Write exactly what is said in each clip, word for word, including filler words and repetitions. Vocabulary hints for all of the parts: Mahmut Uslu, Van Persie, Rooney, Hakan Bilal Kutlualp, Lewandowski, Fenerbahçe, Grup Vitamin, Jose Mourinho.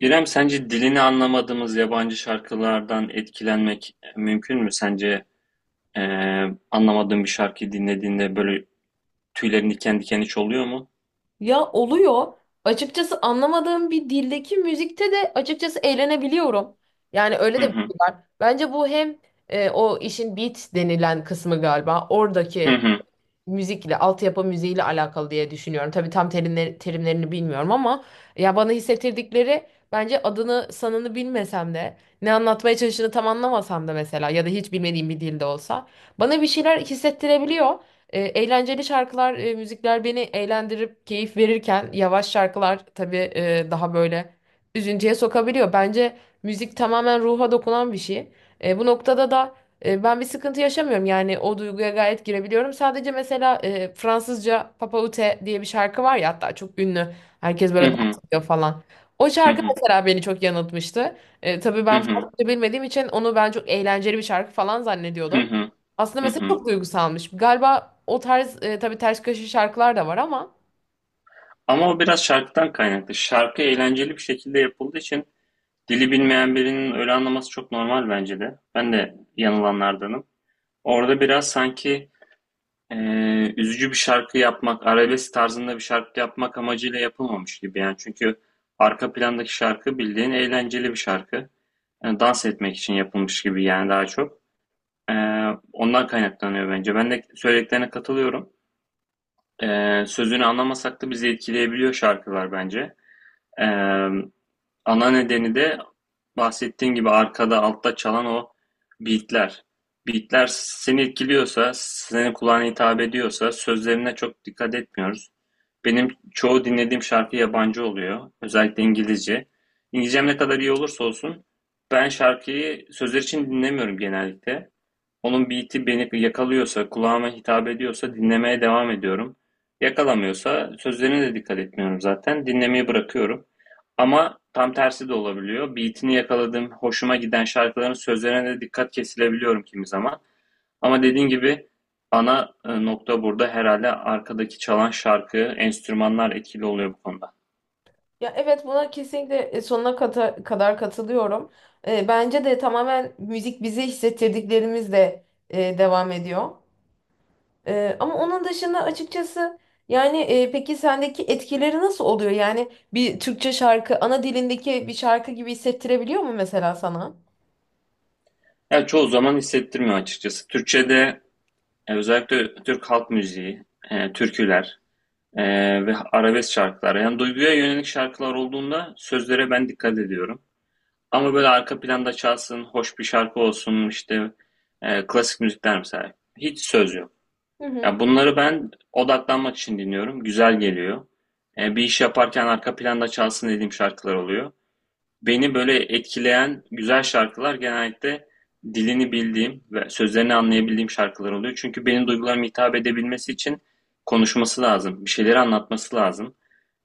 İrem, sence dilini anlamadığımız yabancı şarkılardan etkilenmek mümkün mü? Sence e, anlamadığın bir şarkıyı dinlediğinde böyle tüylerin diken diken hiç oluyor mu? Ya oluyor. Açıkçası anlamadığım bir dildeki müzikte de açıkçası eğlenebiliyorum. Yani öyle Hı de bir hı, şey var. Bence bu hem e, o işin beat denilen kısmı galiba. hı Oradaki hı, müzikle, altyapı müziğiyle alakalı diye düşünüyorum. Tabii tam terimleri, terimlerini bilmiyorum ama ya bana hissettirdikleri, bence adını sanını bilmesem de, ne anlatmaya çalıştığını tam anlamasam da, mesela ya da hiç bilmediğim bir dilde olsa bana bir şeyler hissettirebiliyor. E, eğlenceli şarkılar, e, müzikler beni eğlendirip keyif verirken yavaş şarkılar tabii e, daha böyle üzüntüye sokabiliyor. Bence müzik tamamen ruha dokunan bir şey. E, bu noktada da e, ben bir sıkıntı yaşamıyorum, yani o duyguya gayet girebiliyorum. Sadece mesela e, Fransızca Papa Ute diye bir şarkı var ya, hatta çok ünlü. Herkes hı böyle hı, dans ediyor falan. O hı şarkı hı, mesela beni çok yanıltmıştı. E, tabii hı ben hı, Fransızca bilmediğim için onu ben çok eğlenceli bir şarkı falan hı zannediyordum. hı, Aslında hı mesela hı. çok duygusalmış. Galiba o tarz, e, tabii ters köşe şarkılar da var ama. Ama o biraz şarkıdan kaynaklı. Şarkı eğlenceli bir şekilde yapıldığı için dili bilmeyen birinin öyle anlaması çok normal bence de. Ben de yanılanlardanım. Orada biraz sanki Eee, üzücü bir şarkı yapmak, arabesk tarzında bir şarkı yapmak amacıyla yapılmamış gibi yani. Çünkü arka plandaki şarkı bildiğin eğlenceli bir şarkı. Yani dans etmek için yapılmış gibi yani daha çok. Eee, ondan kaynaklanıyor bence. Ben de söylediklerine katılıyorum. Eee, sözünü anlamasak da bizi etkileyebiliyor şarkılar bence. Eee, Ana nedeni de bahsettiğim gibi arkada, altta çalan o beatler. Beatler seni etkiliyorsa, senin kulağına hitap ediyorsa sözlerine çok dikkat etmiyoruz. Benim çoğu dinlediğim şarkı yabancı oluyor. Özellikle İngilizce. İngilizcem ne kadar iyi olursa olsun ben şarkıyı sözler için dinlemiyorum genellikle. Onun beat'i beni yakalıyorsa, kulağıma hitap ediyorsa dinlemeye devam ediyorum. Yakalamıyorsa sözlerine de dikkat etmiyorum zaten. Dinlemeyi bırakıyorum. Ama tam tersi de olabiliyor. Beat'ini yakaladığım, hoşuma giden şarkıların sözlerine de dikkat kesilebiliyorum kimi zaman. Ama dediğin gibi ana e, nokta burada herhalde arkadaki çalan şarkı, enstrümanlar etkili oluyor bu konuda. Ya evet, buna kesinlikle, e, sonuna kata- kadar katılıyorum. E, bence de tamamen müzik bize hissettirdiklerimizle e, devam ediyor. Ee, ama onun dışında açıkçası, yani, e, peki sendeki etkileri nasıl oluyor? Yani bir Türkçe şarkı ana dilindeki bir şarkı gibi hissettirebiliyor mu mesela sana? Yani çoğu zaman hissettirmiyor açıkçası. Türkçe'de e, özellikle Türk halk müziği, e, türküler, Ee, ve arabesk şarkılar. Yani duyguya yönelik şarkılar olduğunda sözlere ben dikkat ediyorum. Ama böyle arka planda çalsın, hoş bir şarkı olsun işte e, klasik müzikler mesela. Hiç söz yok. Hı hı. Ya bunları ben odaklanmak için dinliyorum. Güzel geliyor. E, bir iş yaparken arka planda çalsın dediğim şarkılar oluyor. Beni böyle etkileyen güzel şarkılar genellikle dilini bildiğim ve sözlerini anlayabildiğim şarkılar oluyor. Çünkü benim duygularıma hitap edebilmesi için konuşması lazım, bir şeyleri anlatması lazım.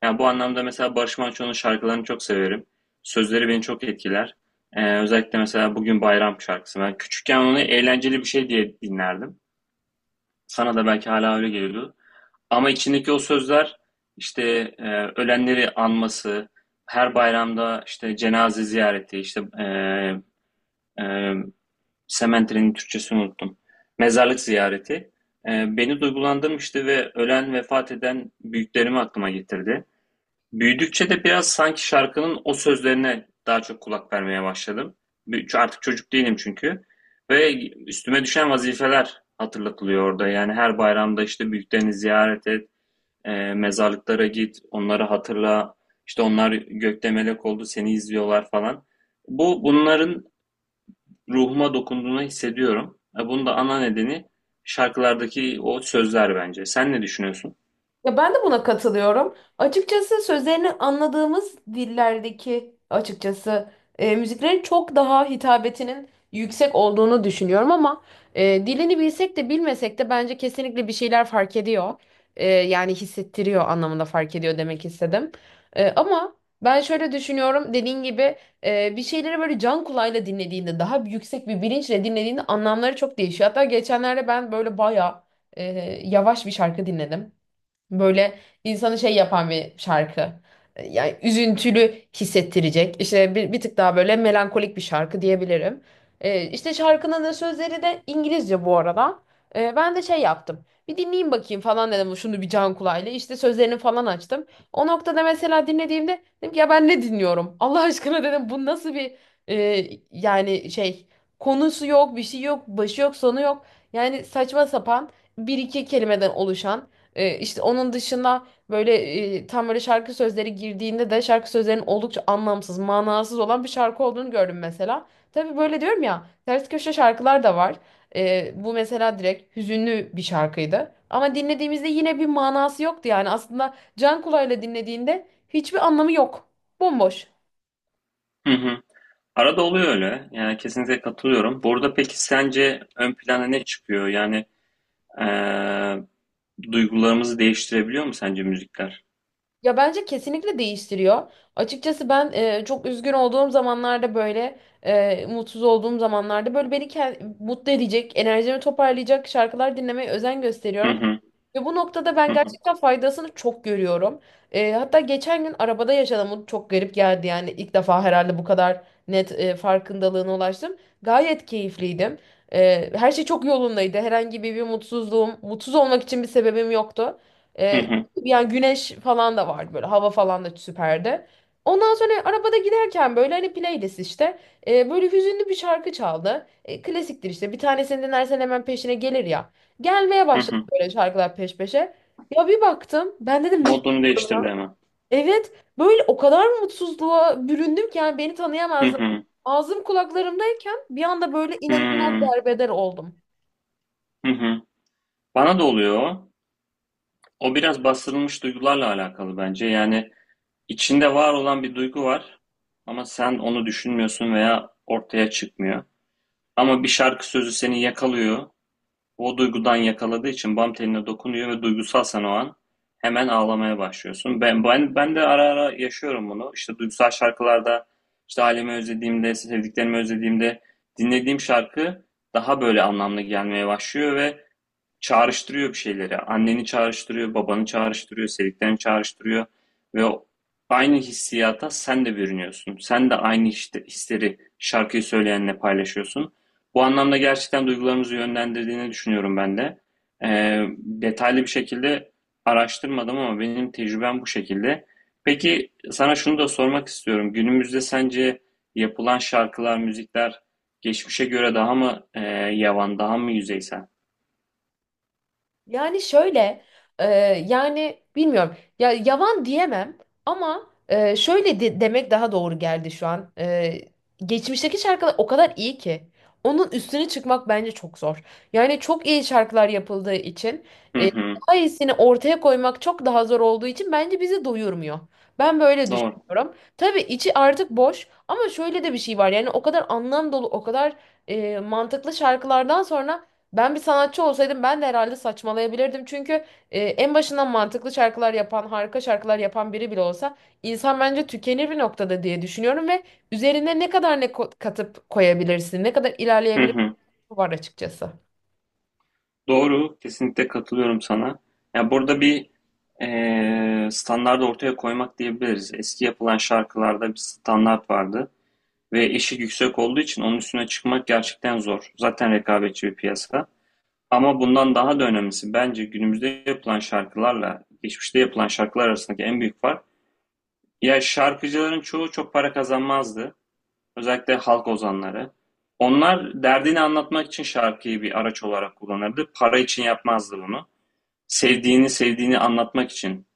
Yani bu anlamda mesela Barış Manço'nun şarkılarını çok severim. Sözleri beni çok etkiler. Ee, özellikle mesela Bugün Bayram şarkısı. Ben küçükken onu eğlenceli bir şey diye dinlerdim. Sana da belki hala öyle geliyordu. Ama içindeki o sözler işte e, ölenleri anması, her bayramda işte cenaze ziyareti, işte e, e, sementerinin Türkçesini unuttum. Mezarlık ziyareti e, beni duygulandırmıştı ve ölen vefat eden büyüklerimi aklıma getirdi. Büyüdükçe de biraz sanki şarkının o sözlerine daha çok kulak vermeye başladım. Bir- Artık çocuk değilim çünkü. Ve üstüme düşen vazifeler hatırlatılıyor orada. Yani her bayramda işte büyüklerini ziyaret et, e, mezarlıklara git, onları hatırla. İşte onlar gökte melek oldu, seni izliyorlar falan. Bu bunların ruhuma dokunduğunu hissediyorum. E, bunun da ana nedeni şarkılardaki o sözler bence. Sen ne düşünüyorsun? Ya ben de buna katılıyorum. Açıkçası sözlerini anladığımız dillerdeki açıkçası e, müziklerin çok daha hitabetinin yüksek olduğunu düşünüyorum, ama e, dilini bilsek de bilmesek de bence kesinlikle bir şeyler fark ediyor. E, yani hissettiriyor anlamında fark ediyor demek istedim. E, ama ben şöyle düşünüyorum, dediğin gibi, e, bir şeyleri böyle can kulağıyla dinlediğinde, daha yüksek bir bilinçle dinlediğinde anlamları çok değişiyor. Hatta geçenlerde ben böyle bayağı e, yavaş bir şarkı dinledim. Böyle insanı şey yapan bir şarkı. E, Yani üzüntülü hissettirecek. İşte bir, bir tık daha böyle melankolik bir şarkı diyebilirim. Ee, işte şarkının da sözleri de İngilizce bu arada. Ee, ben de şey yaptım. Bir dinleyeyim bakayım falan dedim şunu bir can kulağıyla. İşte sözlerini falan açtım. O noktada mesela dinlediğimde dedim ki, ya ben ne dinliyorum? Allah aşkına dedim, bu nasıl bir, e, yani şey, konusu yok, bir şey yok, başı yok, sonu yok. Yani saçma sapan bir iki kelimeden oluşan, e, işte onun dışında böyle, e, tam böyle şarkı sözleri girdiğinde de şarkı sözlerinin oldukça anlamsız, manasız olan bir şarkı olduğunu gördüm mesela. Tabii böyle diyorum ya, ters köşe şarkılar da var. E, bu mesela direkt hüzünlü bir şarkıydı. Ama dinlediğimizde yine bir manası yoktu yani. Aslında can kulağıyla dinlediğinde hiçbir anlamı yok. Bomboş. Hı hı. Arada oluyor öyle. Yani kesinlikle katılıyorum. Burada peki sence ön plana ne çıkıyor? Yani e, duygularımızı değiştirebiliyor mu sence müzikler? Ya bence kesinlikle değiştiriyor. Açıkçası ben e, çok üzgün olduğum zamanlarda böyle, e, mutsuz olduğum zamanlarda böyle beni ke- mutlu edecek, enerjimi toparlayacak şarkılar dinlemeye özen Hı gösteriyorum. hı. Ve bu noktada ben Hı hı. gerçekten faydasını çok görüyorum. E, hatta geçen gün arabada yaşadım. Bu çok garip geldi, yani ilk defa herhalde bu kadar net e, farkındalığına ulaştım. Gayet keyifliydim. E, her şey çok yolundaydı. Herhangi bir, bir mutsuzluğum, mutsuz olmak için bir sebebim yoktu. Hı E, hı. Yani güneş falan da vardı, böyle hava falan da süperdi. Ondan sonra arabada giderken böyle, hani playlist işte, e, böyle hüzünlü bir şarkı çaldı. E, klasiktir işte, bir tanesini dinlersen hemen peşine gelir ya. Gelmeye Hı başladı hı. böyle şarkılar peş peşe. Ya bir baktım, ben dedim ne? Modunu değiştirdi hemen. Evet, böyle o kadar mutsuzluğa büründüm ki yani beni Hı tanıyamazdım. hı. Ağzım kulaklarımdayken bir anda böyle Hı inanılmaz hı. derbeder oldum. Hı hı. Bana da oluyor o. O biraz bastırılmış duygularla alakalı bence. Yani içinde var olan bir duygu var ama sen onu düşünmüyorsun veya ortaya çıkmıyor. Ama bir şarkı sözü seni yakalıyor. O duygudan yakaladığı için bam teline dokunuyor ve duygusalsan o an hemen ağlamaya başlıyorsun. Ben, ben, ben de ara ara yaşıyorum bunu. İşte duygusal şarkılarda işte ailemi özlediğimde, sevdiklerimi özlediğimde dinlediğim şarkı daha böyle anlamlı gelmeye başlıyor ve çağrıştırıyor bir şeyleri. Anneni çağrıştırıyor, babanı çağrıştırıyor, sevdiklerini çağrıştırıyor ve aynı hissiyata sen de bürünüyorsun. Sen de aynı işte, hisleri şarkıyı söyleyenle paylaşıyorsun. Bu anlamda gerçekten duygularımızı yönlendirdiğini düşünüyorum ben de. Ee, detaylı bir şekilde araştırmadım ama benim tecrübem bu şekilde. Peki sana şunu da sormak istiyorum. Günümüzde sence yapılan şarkılar, müzikler geçmişe göre daha mı e, yavan, daha mı yüzeysel? Yani şöyle, e, yani bilmiyorum. Ya yavan diyemem ama, e, şöyle de- demek daha doğru geldi şu an. E, geçmişteki şarkılar o kadar iyi ki onun üstüne çıkmak bence çok zor. Yani çok iyi şarkılar yapıldığı için Hı e, hı. daha iyisini ortaya koymak çok daha zor olduğu için bence bizi doyurmuyor. Ben böyle Doğru. düşünüyorum. Tabii içi artık boş, ama şöyle de bir şey var. Yani o kadar anlam dolu, o kadar e, mantıklı şarkılardan sonra, ben bir sanatçı olsaydım ben de herhalde saçmalayabilirdim. Çünkü e, en başından mantıklı şarkılar yapan, harika şarkılar yapan biri bile olsa insan bence tükenir bir noktada diye düşünüyorum, ve üzerine ne kadar ne ko- katıp koyabilirsin, ne kadar Hı ilerleyebilirsin, hı. var açıkçası. Doğru. Kesinlikle katılıyorum sana. Ya burada bir eee standart ortaya koymak diyebiliriz. Eski yapılan şarkılarda bir standart vardı ve eşik yüksek olduğu için onun üstüne çıkmak gerçekten zor. Zaten rekabetçi bir piyasa. Ama bundan daha da önemlisi bence günümüzde yapılan şarkılarla geçmişte yapılan şarkılar arasındaki en büyük fark. Ya şarkıcıların çoğu çok para kazanmazdı. Özellikle halk ozanları. Onlar derdini anlatmak için şarkıyı bir araç olarak kullanırdı. Para için yapmazdı bunu. Sevdiğini sevdiğini anlatmak için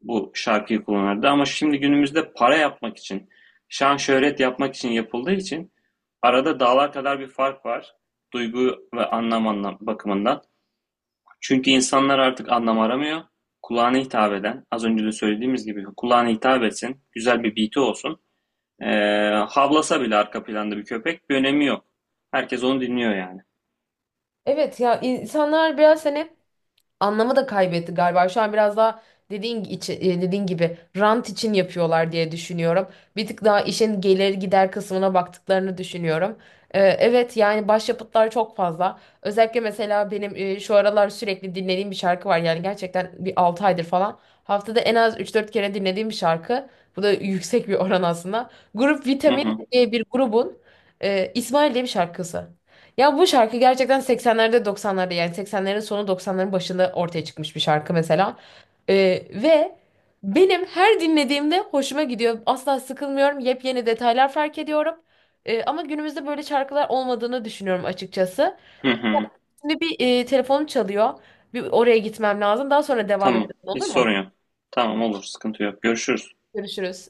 bu şarkıyı kullanırdı. Ama şimdi günümüzde para yapmak için, şan şöhret yapmak için yapıldığı için arada dağlar kadar bir fark var. Duygu ve anlam anlam bakımından. Çünkü insanlar artık anlam aramıyor. Kulağına hitap eden, az önce de söylediğimiz gibi kulağına hitap etsin, güzel bir beat'i olsun, ee, havlasa bile arka planda bir köpek bir önemi yok. Herkes onu dinliyor yani. Evet, ya insanlar biraz seni, anlamı da kaybetti galiba. Şu an biraz daha dediğin içi, e, dediğin gibi rant için yapıyorlar diye düşünüyorum. Bir tık daha işin gelir gider kısmına baktıklarını düşünüyorum. Ee, evet, yani başyapıtlar çok fazla. Özellikle mesela benim e, şu aralar sürekli dinlediğim bir şarkı var. Yani gerçekten bir altı aydır falan. Haftada en az üç dört kere dinlediğim bir şarkı. Bu da yüksek bir oran aslında. Grup Hı Vitamin hı. diye bir grubun e, İsmail diye bir şarkısı. Ya bu şarkı gerçekten seksenlerde doksanlarda, yani seksenlerin sonu doksanların başında ortaya çıkmış bir şarkı mesela. Ee, Ve benim her dinlediğimde hoşuma gidiyor. Asla sıkılmıyorum. Yepyeni detaylar fark ediyorum. Ee, ama günümüzde böyle şarkılar olmadığını düşünüyorum açıkçası. Hı hı. Şimdi bir, e, telefonum çalıyor. Bir oraya gitmem lazım. Daha sonra devam Tamam. edelim, olur Hiç sorun mu? yok. Tamam olur. Sıkıntı yok. Görüşürüz. Görüşürüz.